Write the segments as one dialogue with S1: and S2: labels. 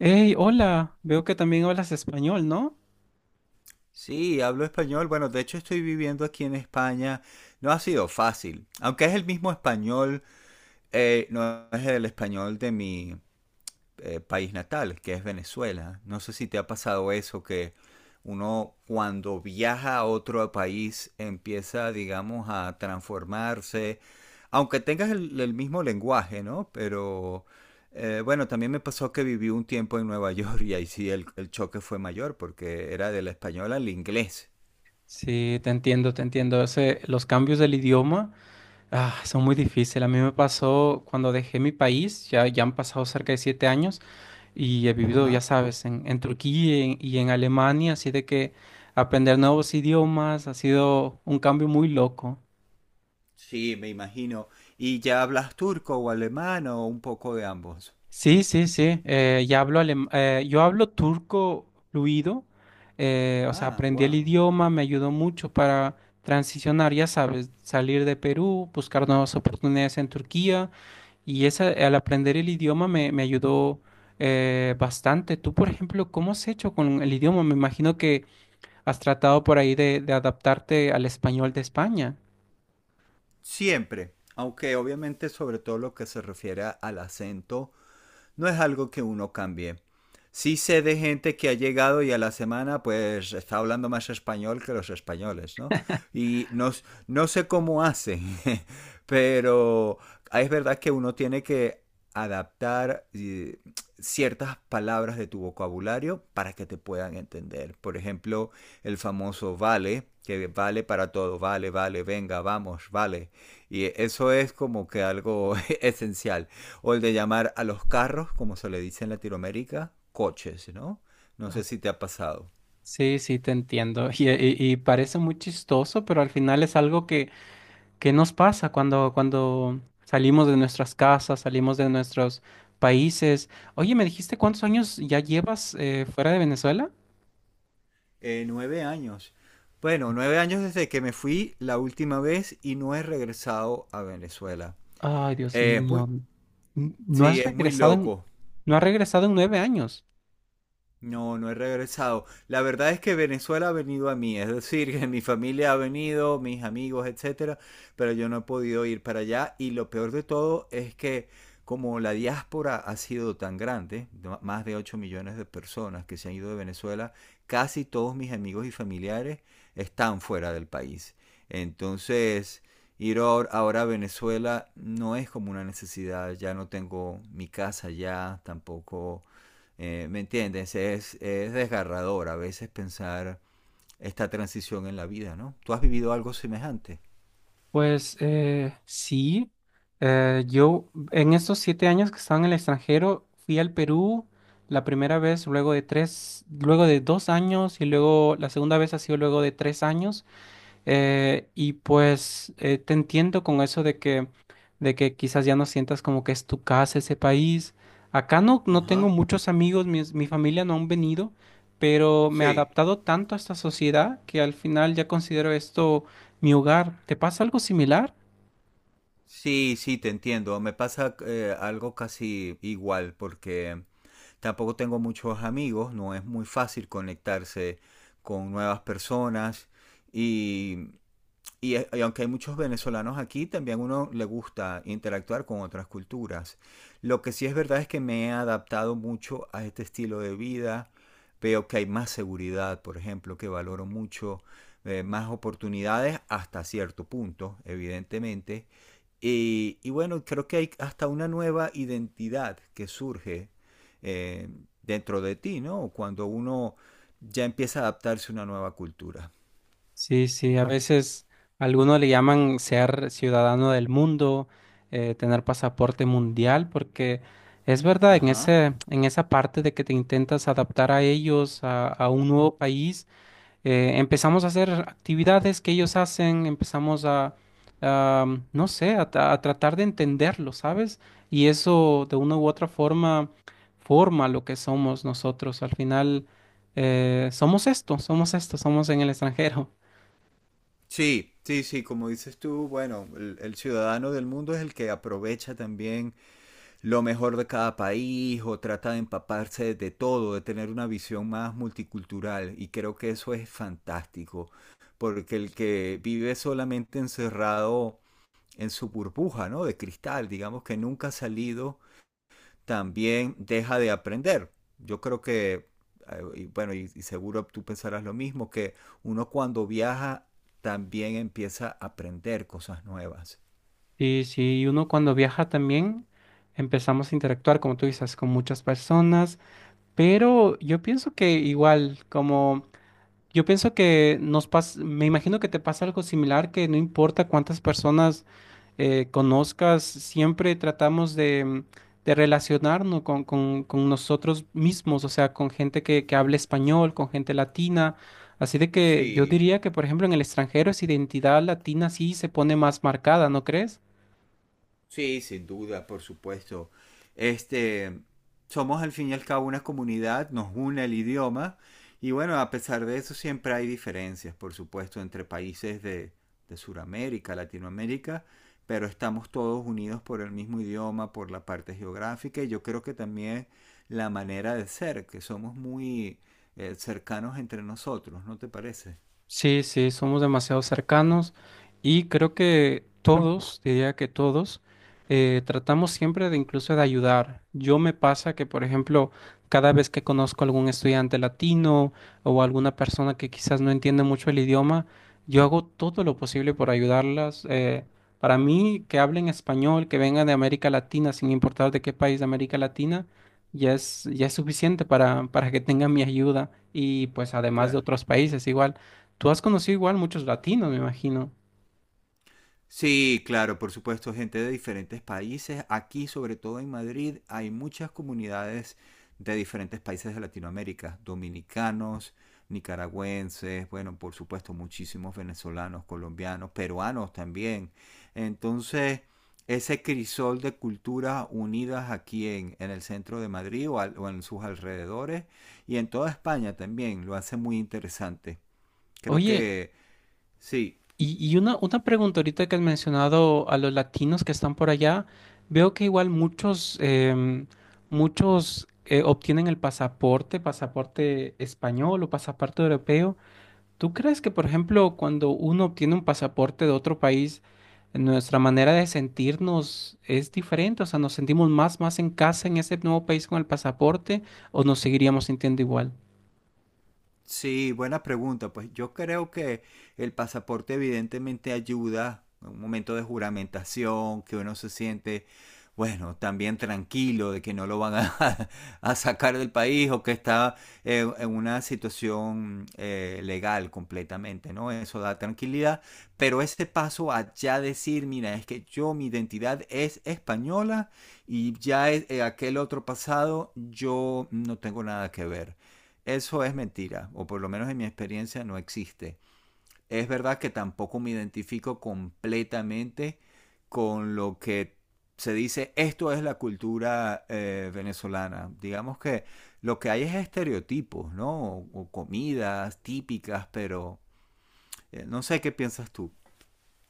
S1: Hey, hola, veo que también hablas español, ¿no?
S2: Sí, hablo español. Bueno, de hecho estoy viviendo aquí en España. No ha sido fácil. Aunque es el mismo español, no es el español de mi país natal, que es Venezuela. No sé si te ha pasado eso, que uno cuando viaja a otro país empieza, digamos, a transformarse. Aunque tengas el mismo lenguaje, ¿no? Pero bueno, también me pasó que viví un tiempo en Nueva York y ahí sí el choque fue mayor porque era del español al inglés.
S1: Sí, te entiendo, te entiendo. Los cambios del idioma, son muy difíciles. A mí me pasó cuando dejé mi país, ya han pasado cerca de 7 años y he vivido, ya
S2: Ajá.
S1: sabes, en Turquía y en Alemania, así de que aprender nuevos idiomas ha sido un cambio muy loco.
S2: Sí, me imagino. ¿Y ya hablas turco o alemán o un poco de ambos?
S1: Sí, sí, sí. Ya yo hablo turco fluido. O sea,
S2: Ah,
S1: aprendí el
S2: wow.
S1: idioma, me ayudó mucho para transicionar, ya sabes, salir de Perú, buscar nuevas oportunidades en Turquía. Y esa, al aprender el idioma me ayudó bastante. Tú, por ejemplo, ¿cómo has hecho con el idioma? Me imagino que has tratado por ahí de adaptarte al español de España.
S2: Siempre, aunque obviamente sobre todo lo que se refiere al acento no es algo que uno cambie. Sí sé de gente que ha llegado y a la semana pues está hablando más español que los españoles, ¿no? Y no, no sé cómo hacen, pero es verdad que uno tiene que adaptar ciertas palabras de tu vocabulario para que te puedan entender. Por ejemplo, el famoso vale, que vale para todo, vale, vale, venga, vamos, vale. Y eso es como que algo esencial. O el de llamar a los carros, como se le dice en Latinoamérica, coches, ¿no? No sé si te ha pasado.
S1: Sí, sí, te entiendo. Y parece muy chistoso, pero al final es algo. ¿Qué nos pasa cuando salimos de nuestras casas, salimos de nuestros países? Oye, ¿me dijiste cuántos años ya llevas fuera de Venezuela?
S2: 9 años. Bueno, 9 años desde que me fui la última vez y no he regresado a Venezuela.
S1: Ay, Dios
S2: Eh, es muy,
S1: mío. ¿No
S2: sí,
S1: has
S2: es muy
S1: regresado
S2: loco.
S1: no has regresado en 9 años?
S2: No, no he regresado. La verdad es que Venezuela ha venido a mí, es decir, que mi familia ha venido, mis amigos, etcétera, pero yo no he podido ir para allá y lo peor de todo es que como la diáspora ha sido tan grande, más de 8 millones de personas que se han ido de Venezuela, casi todos mis amigos y familiares están fuera del país. Entonces, ir ahora a Venezuela no es como una necesidad, ya no tengo mi casa allá, tampoco ¿me entiendes? Es desgarrador a veces pensar esta transición en la vida, ¿no? ¿Tú has vivido algo semejante?
S1: Pues sí. Yo en estos 7 años que estaba en el extranjero fui al Perú la primera vez, luego de tres, luego de 2 años y luego la segunda vez ha sido luego de 3 años. Y pues te entiendo con eso de que quizás ya no sientas como que es tu casa ese país. Acá no tengo
S2: Ajá.
S1: muchos amigos, familia no han venido, pero me he
S2: Sí.
S1: adaptado tanto a esta sociedad que al final ya considero esto mi hogar. ¿Te pasa algo similar?
S2: Sí, sí, te entiendo. Me pasa algo casi igual porque tampoco tengo muchos amigos, no es muy fácil conectarse con nuevas personas Y, Y aunque hay muchos venezolanos aquí, también uno le gusta interactuar con otras culturas. Lo que sí es verdad es que me he adaptado mucho a este estilo de vida. Veo que hay más seguridad, por ejemplo, que valoro mucho, más oportunidades hasta cierto punto, evidentemente. Y bueno, creo que hay hasta una nueva identidad que surge eh, dentro de ti, ¿no? Cuando uno ya empieza a adaptarse a una nueva cultura.
S1: Sí, sí, a veces algunos le llaman ser ciudadano del mundo, tener pasaporte mundial, porque es verdad, en
S2: Ajá.
S1: en esa parte de que te intentas adaptar a ellos, a un nuevo país, empezamos a hacer actividades que ellos hacen, empezamos a, no sé, a tratar de entenderlo, ¿sabes? Y eso de una u otra forma forma lo que somos nosotros. Al final, somos esto, somos esto, somos en el extranjero.
S2: Sí, sí, sí, como dices tú, bueno, el ciudadano del mundo es el que aprovecha también lo mejor de cada país o trata de empaparse de todo, de tener una visión más multicultural y creo que eso es fantástico, porque el que vive solamente encerrado en su burbuja, ¿no? De cristal, digamos que nunca ha salido también deja de aprender. Yo creo que, y bueno, y seguro tú pensarás lo mismo, que uno cuando viaja también empieza a aprender cosas nuevas.
S1: Sí, sí, y uno cuando viaja también empezamos a interactuar, como tú dices, con muchas personas, pero yo pienso que igual, como yo pienso que nos pasa, me imagino que te pasa algo similar, que no importa cuántas personas conozcas, siempre tratamos de relacionarnos con nosotros mismos, o sea, con gente que hable español, con gente latina. Así de que yo
S2: Sí,
S1: diría que, por ejemplo, en el extranjero esa identidad latina sí se pone más marcada, ¿no crees?
S2: sí, sin duda, por supuesto. Este, somos al fin y al cabo una comunidad, nos une el idioma y bueno, a pesar de eso siempre hay diferencias, por supuesto, entre países de Sudamérica, Latinoamérica, pero estamos todos unidos por el mismo idioma, por la parte geográfica y yo creo que también la manera de ser, que somos muy cercanos entre nosotros, ¿no te parece?
S1: Sí, sí, somos demasiado cercanos y creo que todos, diría que todos, tratamos siempre de incluso de ayudar. Yo me pasa que, por ejemplo, cada vez que conozco algún estudiante latino o alguna persona que quizás no entiende mucho el idioma, yo hago todo lo posible por ayudarlas. Para mí, que hablen español, que vengan de América Latina, sin importar de qué país de América Latina, ya es suficiente para que tengan mi ayuda y pues además de
S2: Claro.
S1: otros países igual. Tú has conocido igual muchos latinos, me imagino.
S2: Sí, claro, por supuesto, gente de diferentes países. Aquí, sobre todo en Madrid, hay muchas comunidades de diferentes países de Latinoamérica, dominicanos, nicaragüenses, bueno, por supuesto, muchísimos venezolanos, colombianos, peruanos también. Entonces, ese crisol de culturas unidas aquí en el centro de Madrid o en sus alrededores y en toda España también lo hace muy interesante. Creo
S1: Oye,
S2: que sí.
S1: y una pregunta ahorita que has mencionado a los latinos que están por allá, veo que igual muchos, muchos obtienen el pasaporte, pasaporte español o pasaporte europeo. ¿Tú crees que, por ejemplo, cuando uno obtiene un pasaporte de otro país, nuestra manera de sentirnos es diferente? O sea, ¿nos sentimos más en casa en ese nuevo país con el pasaporte o nos seguiríamos sintiendo igual?
S2: Sí, buena pregunta. Pues yo creo que el pasaporte evidentemente ayuda en un momento de juramentación, que uno se siente, bueno, también tranquilo de que no lo van a, a sacar del país o que está en una situación legal completamente, ¿no? Eso da tranquilidad. Pero ese paso a ya decir, mira, es que yo, mi identidad es española y ya aquel otro pasado, yo no tengo nada que ver. Eso es mentira, o por lo menos en mi experiencia no existe. Es verdad que tampoco me identifico completamente con lo que se dice, esto es la cultura venezolana. Digamos que lo que hay es estereotipos, ¿no? O comidas típicas, pero no sé qué piensas tú.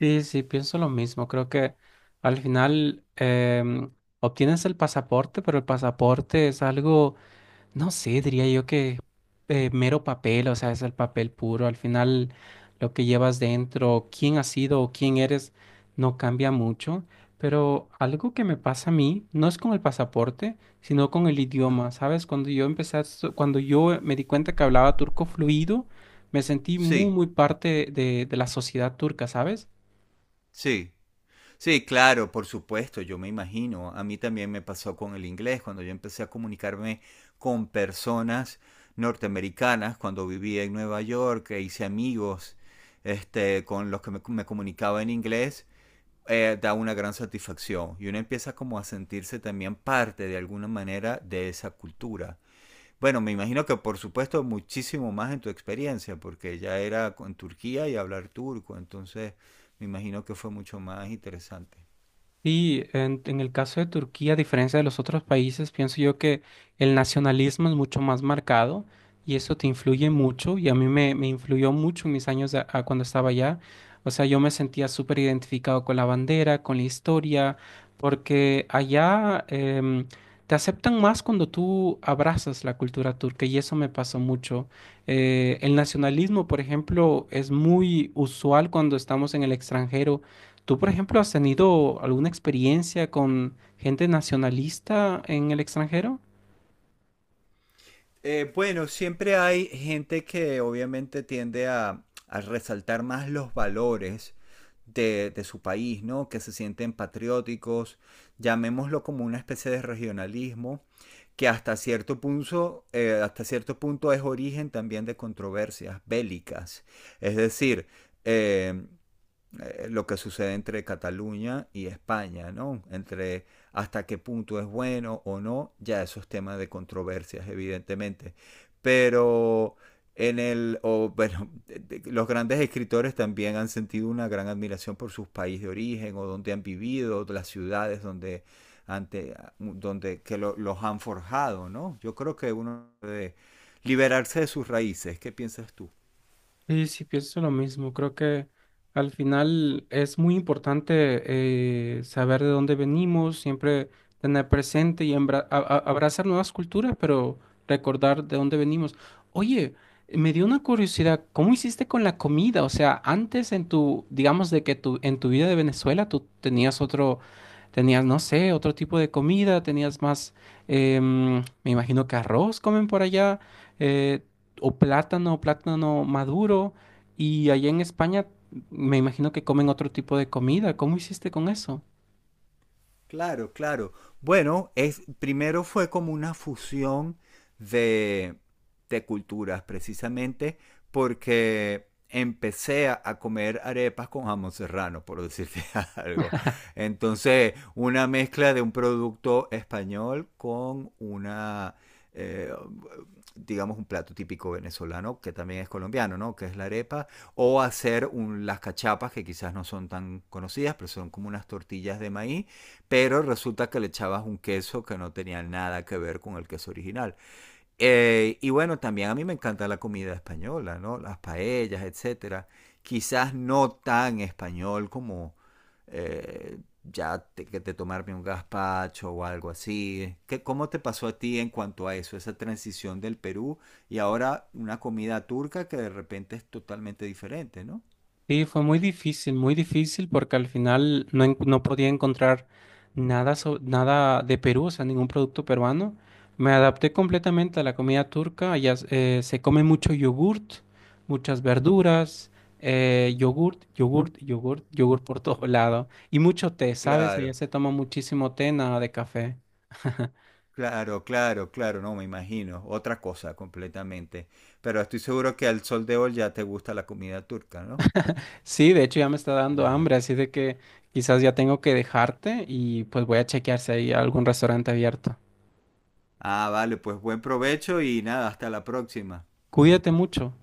S1: Sí, sí, pienso lo mismo. Creo que al final em, obtienes el pasaporte, pero el pasaporte es algo, no sé, diría yo que mero papel, o sea, es el papel puro. Al final lo que llevas dentro, quién has sido o quién eres, no cambia mucho. Pero algo que me pasa a mí no es con el pasaporte, sino con el
S2: Ah.
S1: idioma. ¿Sabes? Cuando yo empecé, a estu- Cuando yo me di cuenta que hablaba turco fluido, me sentí muy,
S2: Sí,
S1: muy parte de la sociedad turca, ¿sabes?
S2: sí, sí, claro, por supuesto, yo me imagino. A mí también me pasó con el inglés, cuando yo empecé a comunicarme con personas norteamericanas, cuando vivía en Nueva York, e hice amigos este, con los que me comunicaba en inglés, da una gran satisfacción y uno empieza como a sentirse también parte de alguna manera de esa cultura. Bueno, me imagino que por supuesto muchísimo más en tu experiencia, porque ya era en Turquía y hablar turco, entonces me imagino que fue mucho más interesante.
S1: Y en el caso de Turquía, a diferencia de los otros países, pienso yo que el nacionalismo es mucho más marcado y eso te influye
S2: Ujú.
S1: mucho y a mí me influyó mucho en mis años de- a cuando estaba allá. O sea, yo me sentía súper identificado con la bandera, con la historia, porque allá te aceptan más cuando tú abrazas la cultura turca y eso me pasó mucho. El nacionalismo, por ejemplo, es muy usual cuando estamos en el extranjero. ¿Tú, por ejemplo, has tenido alguna experiencia con gente nacionalista en el extranjero?
S2: Bueno, siempre hay gente que obviamente tiende a resaltar más los valores de su país, ¿no? Que se sienten patrióticos, llamémoslo como una especie de regionalismo, que hasta cierto punto es origen también de controversias bélicas. Es decir, eh, lo que sucede entre Cataluña y España, ¿no? Entre hasta qué punto es bueno o no, ya esos temas de controversias, evidentemente. Pero o, bueno, los grandes escritores también han sentido una gran admiración por sus países de origen o donde han vivido, las ciudades ante, donde que los han forjado, ¿no? Yo creo que uno debe liberarse de sus raíces. ¿Qué piensas tú?
S1: Sí, sí, pienso lo mismo. Creo que al final es muy importante saber de dónde venimos, siempre tener presente y abrazar nuevas culturas, pero recordar de dónde venimos. Oye, me dio una curiosidad, ¿cómo hiciste con la comida? O sea, antes en tu, digamos, en tu vida de Venezuela tú tenías otro, tenías, no sé, otro tipo de comida, tenías más, me imagino que arroz comen por allá. eh, o plátano, plátano maduro. Y allá en España me imagino que comen otro tipo de comida. ¿Cómo hiciste con eso?
S2: Claro, claro. Bueno, primero fue como una fusión de, de culturas, precisamente porque empecé a comer arepas con jamón serrano, por decirte algo. Entonces, una mezcla de un producto español con una, eh, digamos, un plato típico venezolano, que también es colombiano, ¿no? Que es la arepa, o hacer las cachapas, que quizás no son tan conocidas, pero son como unas tortillas de maíz pero resulta que le echabas un queso que no tenía nada que ver con el queso original. Y bueno, también a mí me encanta la comida española, ¿no? Las paellas, etcétera. Quizás no tan español como eh, que te tomarme un gazpacho o algo así. ¿Cómo te pasó a ti en cuanto a eso, esa transición del Perú y ahora una comida turca que de repente es totalmente diferente, ¿no?
S1: Sí, fue muy difícil porque al final no podía encontrar nada, nada de Perú, o sea, ningún producto peruano. Me adapté completamente a la comida turca. Allá se come mucho yogurt, muchas verduras, yogurt, yogurt, yogurt, yogurt por todo lado. Y mucho té, ¿sabes? Allá
S2: Claro.
S1: se toma muchísimo té, nada de café.
S2: Claro, claro, claro, no me imagino, otra cosa completamente. Pero estoy seguro que al sol de hoy ya te gusta la comida turca, ¿no?
S1: Sí, de hecho ya me está dando
S2: Ajá.
S1: hambre, así de que quizás ya tengo que dejarte y pues voy a chequear si hay algún restaurante abierto.
S2: Ah, vale, pues buen provecho y nada, hasta la próxima.
S1: Cuídate mucho.